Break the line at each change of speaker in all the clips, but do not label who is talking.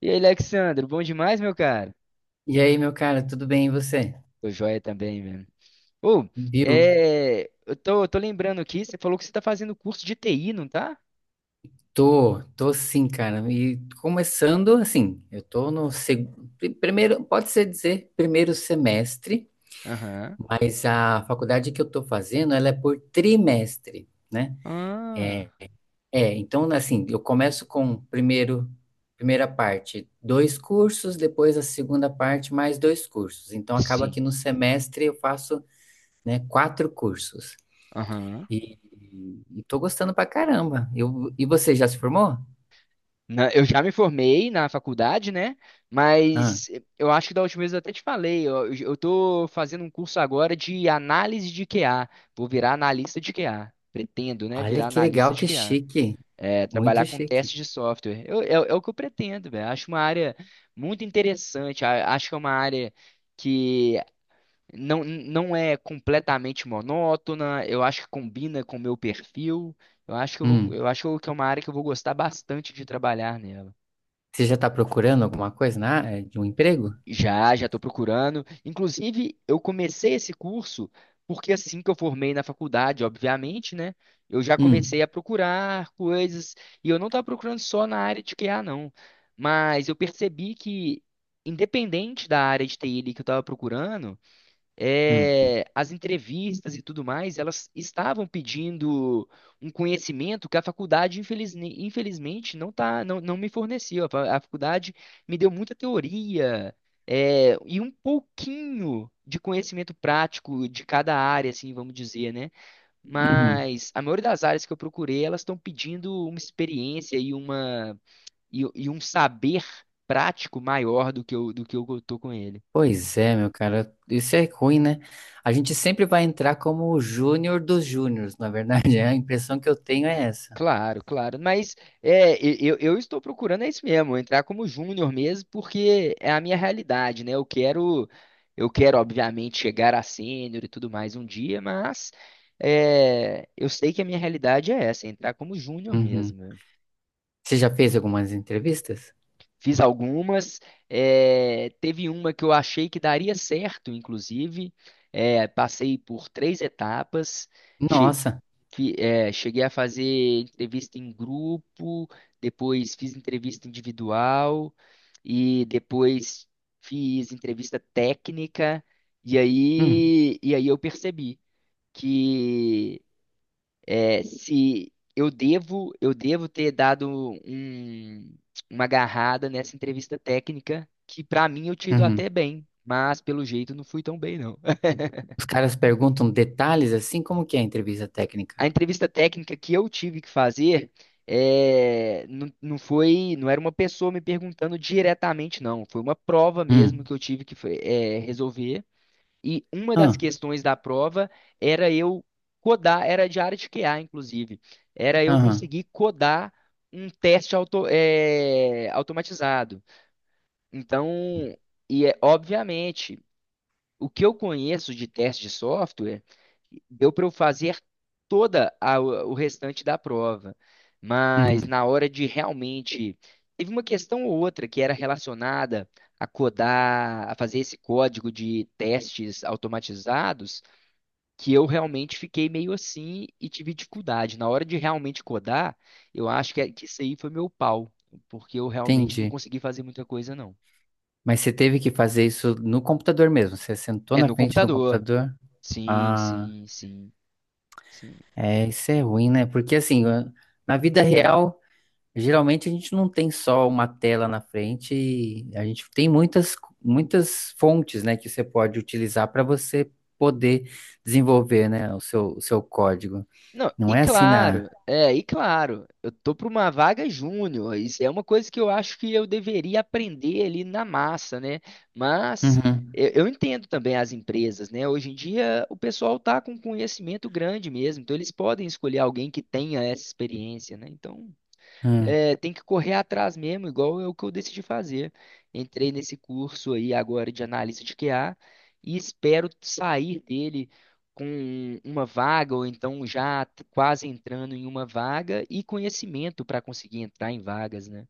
E aí, Alexandre, bom demais, meu cara?
E aí, meu cara, tudo bem e você?
Tô joia também, velho. Ô,
Bill,
eu tô lembrando aqui, você falou que você tá fazendo curso de TI, não tá?
tô sim, cara. E começando assim, eu tô no primeiro, pode ser dizer primeiro semestre,
Aham.
mas a faculdade que eu tô fazendo, ela é por trimestre, né?
Ah,
É, é, então assim, eu começo com primeiro, primeira parte, dois cursos, depois a segunda parte, mais dois cursos. Então acaba
sim.
que no semestre eu faço, né, quatro cursos.
Aham.
E, e tô gostando pra caramba. E você já se formou?
Eu já me formei na faculdade, né?
Ah,
Mas eu acho que da última vez eu até te falei, eu tô fazendo um curso agora de análise de QA. Vou virar analista de QA. Pretendo, né?
olha
Virar
que
analista
legal,
de
que
QA.
chique.
É,
Muito
trabalhar com
chique.
testes de software. É o que eu pretendo, velho. Acho uma área muito interessante. Acho que é uma área que não é completamente monótona. Eu acho que combina com o meu perfil.
Hum,
Eu acho que é uma área que eu vou gostar bastante de trabalhar nela.
Você já tá procurando alguma coisa na área de um emprego?
Já estou procurando. Inclusive, eu comecei esse curso porque assim que eu formei na faculdade, obviamente, né? Eu já comecei
Hum,
a procurar coisas e eu não estava procurando só na área de QA, não. Mas eu percebi que, independente da área de TI ali que eu estava procurando,
hum,
as entrevistas e tudo mais, elas estavam pedindo um conhecimento que a faculdade, infelizmente, não me forneceu. A faculdade me deu muita teoria, é, e um pouquinho de conhecimento prático de cada área, assim, vamos dizer, né?
uhum.
Mas a maioria das áreas que eu procurei, elas estão pedindo uma experiência e um saber prático maior do que eu tô com ele.
Pois é, meu cara, isso é ruim, né? A gente sempre vai entrar como o júnior dos júniors, na verdade, é a impressão que eu tenho é essa.
Claro, claro. Mas eu estou procurando é isso mesmo, entrar como júnior mesmo, porque é a minha realidade, né? Obviamente, chegar a sênior e tudo mais um dia, mas é, eu sei que a minha realidade é essa, entrar como júnior
Uhum.
mesmo, né?
Você já fez algumas entrevistas?
Fiz algumas. Teve uma que eu achei que daria certo, inclusive. Passei por três etapas. Che-
Nossa.
Cheguei a fazer entrevista em grupo, depois fiz entrevista individual e depois fiz entrevista técnica. E
Hum,
aí, e aí eu percebi que é, se eu devo, eu devo ter dado um- uma agarrada nessa entrevista técnica, que pra mim eu tinha ido
uhum.
até bem, mas pelo jeito não fui tão bem, não.
Os caras perguntam detalhes assim, como que é a entrevista
A
técnica?
entrevista técnica que eu tive que fazer não foi, não era uma pessoa me perguntando diretamente, não. Foi uma prova mesmo
Hum.
que eu tive que resolver. E uma das
Ah,
questões da prova era eu codar, era de área de QA, inclusive. Era eu
aham.
conseguir codar um teste automatizado. Então, obviamente, o que eu conheço de teste de software, deu para eu fazer o restante da prova, mas
Uhum,
na hora de realmente teve uma questão ou outra que era relacionada a codar, a fazer esse código de testes automatizados, que eu realmente fiquei meio assim e tive dificuldade. Na hora de realmente codar, eu acho que, que isso aí foi meu pau, porque eu realmente não
entendi.
consegui fazer muita coisa, não.
Mas você teve que fazer isso no computador mesmo? Você sentou
É
na
no
frente do
computador.
computador?
Sim,
Ah,
sim, sim. Sim.
é, isso é ruim, né? Porque assim, na vida real, geralmente a gente não tem só uma tela na frente, e a gente tem muitas, muitas fontes, né, que você pode utilizar para você poder desenvolver, né, o seu código.
Não,
Não
e
é assim na.
claro, é, e claro, eu tô para uma vaga júnior, isso é uma coisa que eu acho que eu deveria aprender ali na massa, né? Mas
Uhum,
eu, eu entendo também as empresas, né? Hoje em dia o pessoal tá com conhecimento grande mesmo, então eles podem escolher alguém que tenha essa experiência, né? Então é, tem que correr atrás mesmo, igual é o que eu decidi fazer. Entrei nesse curso aí agora de analista de QA e espero sair dele com uma vaga, ou então quase entrando em uma vaga e conhecimento para conseguir entrar em vagas, né?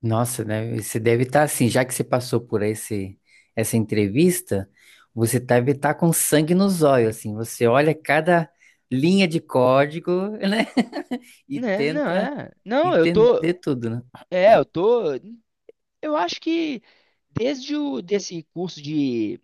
nossa, né? Você deve estar assim, já que você passou por esse, essa entrevista, você deve estar com sangue nos olhos, assim. Você olha cada linha de código, né? E
Né, não,
tenta
é. Não, eu tô.
entender tudo, né?
É, eu tô. Eu acho que desde o desse curso de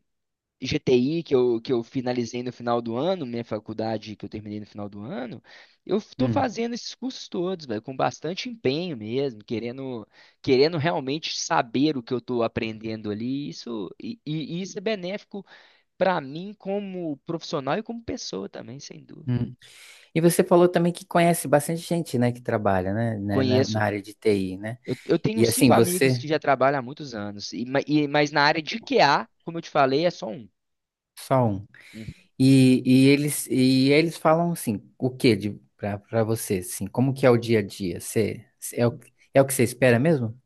GTI que eu finalizei no final do ano, minha faculdade que eu terminei no final do ano, eu estou
Hum,
fazendo esses cursos todos, velho, com bastante empenho mesmo, querendo realmente saber o que eu estou aprendendo ali. Isso, e isso é benéfico para mim como profissional e como pessoa também, sem dúvida.
hum. E você falou também que conhece bastante gente, né, que trabalha, né, na
Conheço.
área de TI, né?
Eu tenho
E
cinco
assim,
amigos
você
que já trabalham há muitos anos, mas na área de QA, como eu te falei, é só um.
só um.
Uhum.
E eles falam assim, o quê de para você, assim, como que é o dia a dia? Você é o, é o que você espera mesmo?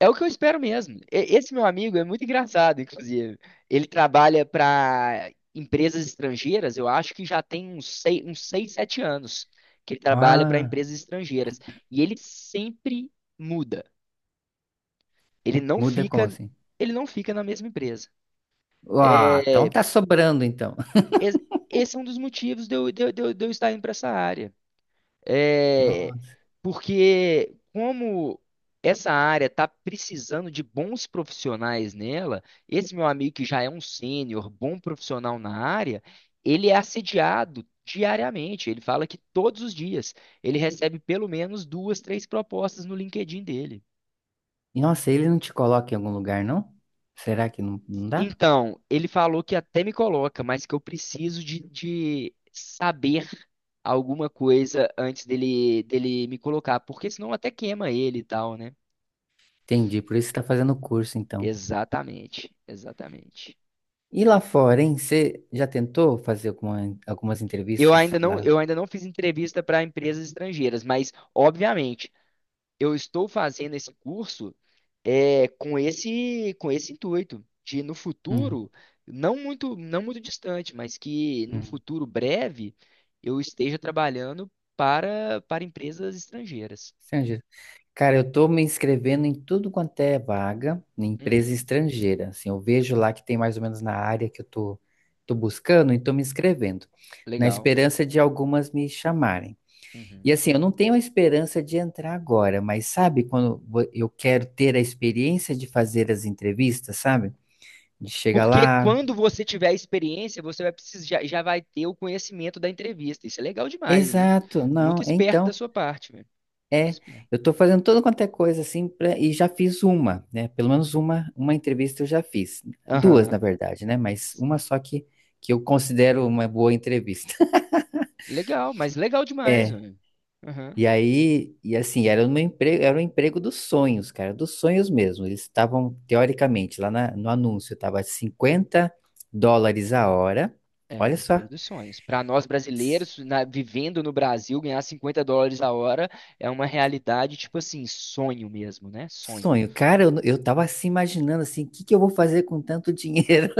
É o que eu espero mesmo. Esse meu amigo é muito engraçado, inclusive. Ele trabalha para empresas estrangeiras, eu acho que já tem uns 6, 7 anos que ele trabalha para
Ah,
empresas estrangeiras. E ele sempre muda. Ele não
muda como
fica,
assim?
ele não fica na mesma empresa.
Ah, então
É,
tá sobrando então.
es- esse é um dos motivos de eu estar indo para essa área. É,
Nossa.
porque como essa área está precisando de bons profissionais nela, esse meu amigo que já é um sênior, bom profissional na área, ele é assediado diariamente. Ele fala que todos os dias ele recebe pelo menos duas, três propostas no LinkedIn dele.
E, nossa, ele não te coloca em algum lugar, não? Será que não dá?
Então, ele falou que até me coloca, mas que eu preciso de saber alguma coisa antes dele, dele me colocar, porque senão até queima ele e tal, né?
Entendi, por isso você tá fazendo o curso então.
Exatamente, exatamente.
E lá fora, hein? Você já tentou fazer algumas
Eu
entrevistas
ainda não,
lá?
eu ainda não fiz entrevista para empresas estrangeiras, mas obviamente eu estou fazendo esse curso com esse intuito de no
Hum,
futuro, não muito distante, mas que no
hum.
futuro breve eu esteja trabalhando para empresas estrangeiras.
Estrangeiro. Cara, eu tô me inscrevendo em tudo quanto é vaga, em empresa
Uhum,
estrangeira. Assim, eu vejo lá que tem mais ou menos na área que eu tô buscando e tô me inscrevendo, na
legal.
esperança de algumas me chamarem.
Uhum.
E assim, eu não tenho a esperança de entrar agora, mas sabe quando eu quero ter a experiência de fazer as entrevistas, sabe? De chegar
Porque
lá.
quando você tiver a experiência, você vai precisar, já vai ter o conhecimento da entrevista. Isso é legal demais,
Exato,
muito
não, é
esperto da
então,
sua parte, velho. Muito
é.
esperto.
Eu tô fazendo toda quanto é coisa assim e já fiz uma, né? Pelo menos uma entrevista eu já fiz. Duas,
Aham.
na verdade, né? Mas uma só que eu considero uma boa entrevista.
Legal, mas legal demais, velho. Aham.
E aí, e assim, era um emprego dos sonhos, cara, dos sonhos mesmo. Eles estavam, teoricamente, lá no anúncio, estava 50 dólares a hora.
É,
Olha só,
emprego dos sonhos. Para nós brasileiros, vivendo no Brasil, ganhar US$ 50 a hora é uma realidade, tipo assim, sonho mesmo, né? Sonho.
sonho. Cara, eu tava assim imaginando assim, o que que eu vou fazer com tanto dinheiro,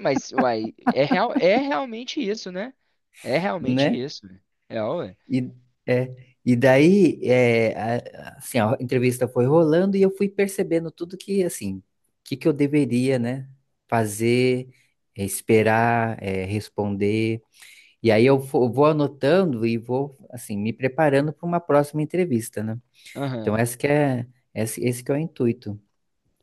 Mas, uai, real, é realmente isso, né? É realmente
né?
isso, velho. É,
E, é, e daí, é, assim, a entrevista foi rolando e eu fui percebendo tudo que, assim, o que que eu deveria, né, fazer, é, esperar, é, responder. E aí eu vou anotando e vou, assim, me preparando para uma próxima entrevista, né? Então,
ué.
esse que é, esse que é o intuito.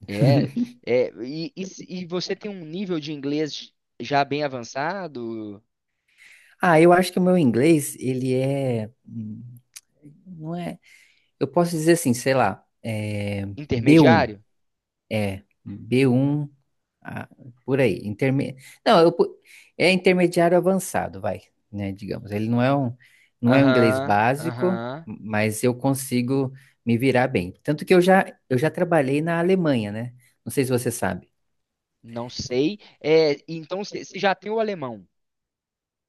É, é e, se- e você tem um nível de inglês já bem avançado,
Ah, eu acho que o meu inglês, ele é, não é, eu posso dizer assim, sei lá, é B1,
intermediário?
é, B1. Ah, por aí. Não, é intermediário avançado, vai, né? Digamos. Ele não é um inglês
Aham,
básico,
aham,
mas eu consigo me virar bem. Tanto que eu já trabalhei na Alemanha, né? Não sei se você sabe.
não sei. É, então você você já tem o alemão.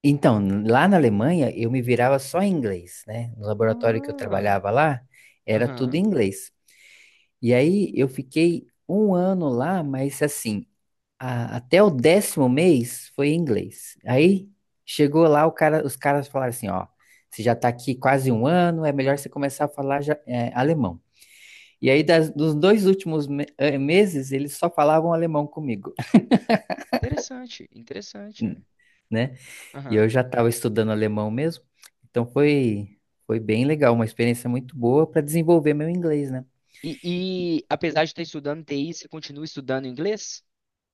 Então, lá na Alemanha, eu me virava só em inglês, né? No laboratório que eu
Ah,
trabalhava lá, era tudo em
aham,
inglês. E aí eu fiquei um ano lá, mas assim, até o 10º mês foi em inglês. Aí chegou lá, o cara, os caras falaram assim, ó, você já tá aqui quase um ano, é melhor você começar a falar alemão. E aí, dos dois últimos meses, eles só falavam alemão comigo,
interessante, interessante, é.
né? E eu
Aham.
já estava estudando alemão mesmo, então foi bem legal, uma experiência muito boa para desenvolver meu inglês, né?
E, e apesar de estar estudando TI, você continua estudando inglês?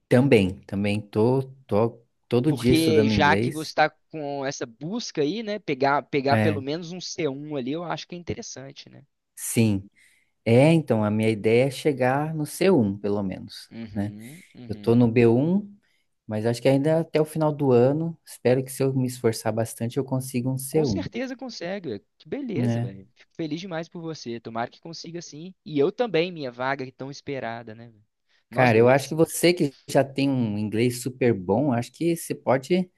Também tô todo dia
Porque
estudando
já que você
inglês.
está com essa busca aí, né, pegar pelo
É,
menos um c um ali, eu acho que é interessante, né?
sim. É, então, a minha ideia é chegar no C1, pelo menos, né?
Uhum,
Eu tô
uhum.
no B1, mas acho que ainda até o final do ano, espero que se eu me esforçar bastante, eu consiga um
Com
C1,
certeza consegue. Que beleza,
né?
velho. Fico feliz demais por você. Tomara que consiga sim. E eu também, minha vaga é tão esperada, né, velho? Nós
Cara, eu acho
dois.
que você que já tem um inglês super bom, acho que você pode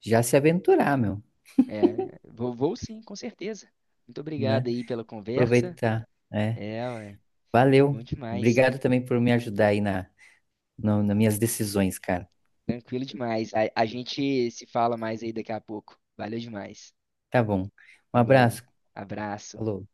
já se aventurar, meu,
É, vou sim, com certeza. Muito
né?
obrigado aí pela conversa.
Aproveitar, é.
É, ué,
Valeu.
bom demais.
Obrigado também por me ajudar aí nas minhas decisões, cara.
Tranquilo demais. A gente se fala mais aí daqui a pouco. Valeu demais.
Tá bom. Um
Falou.
abraço.
Abraço.
Falou.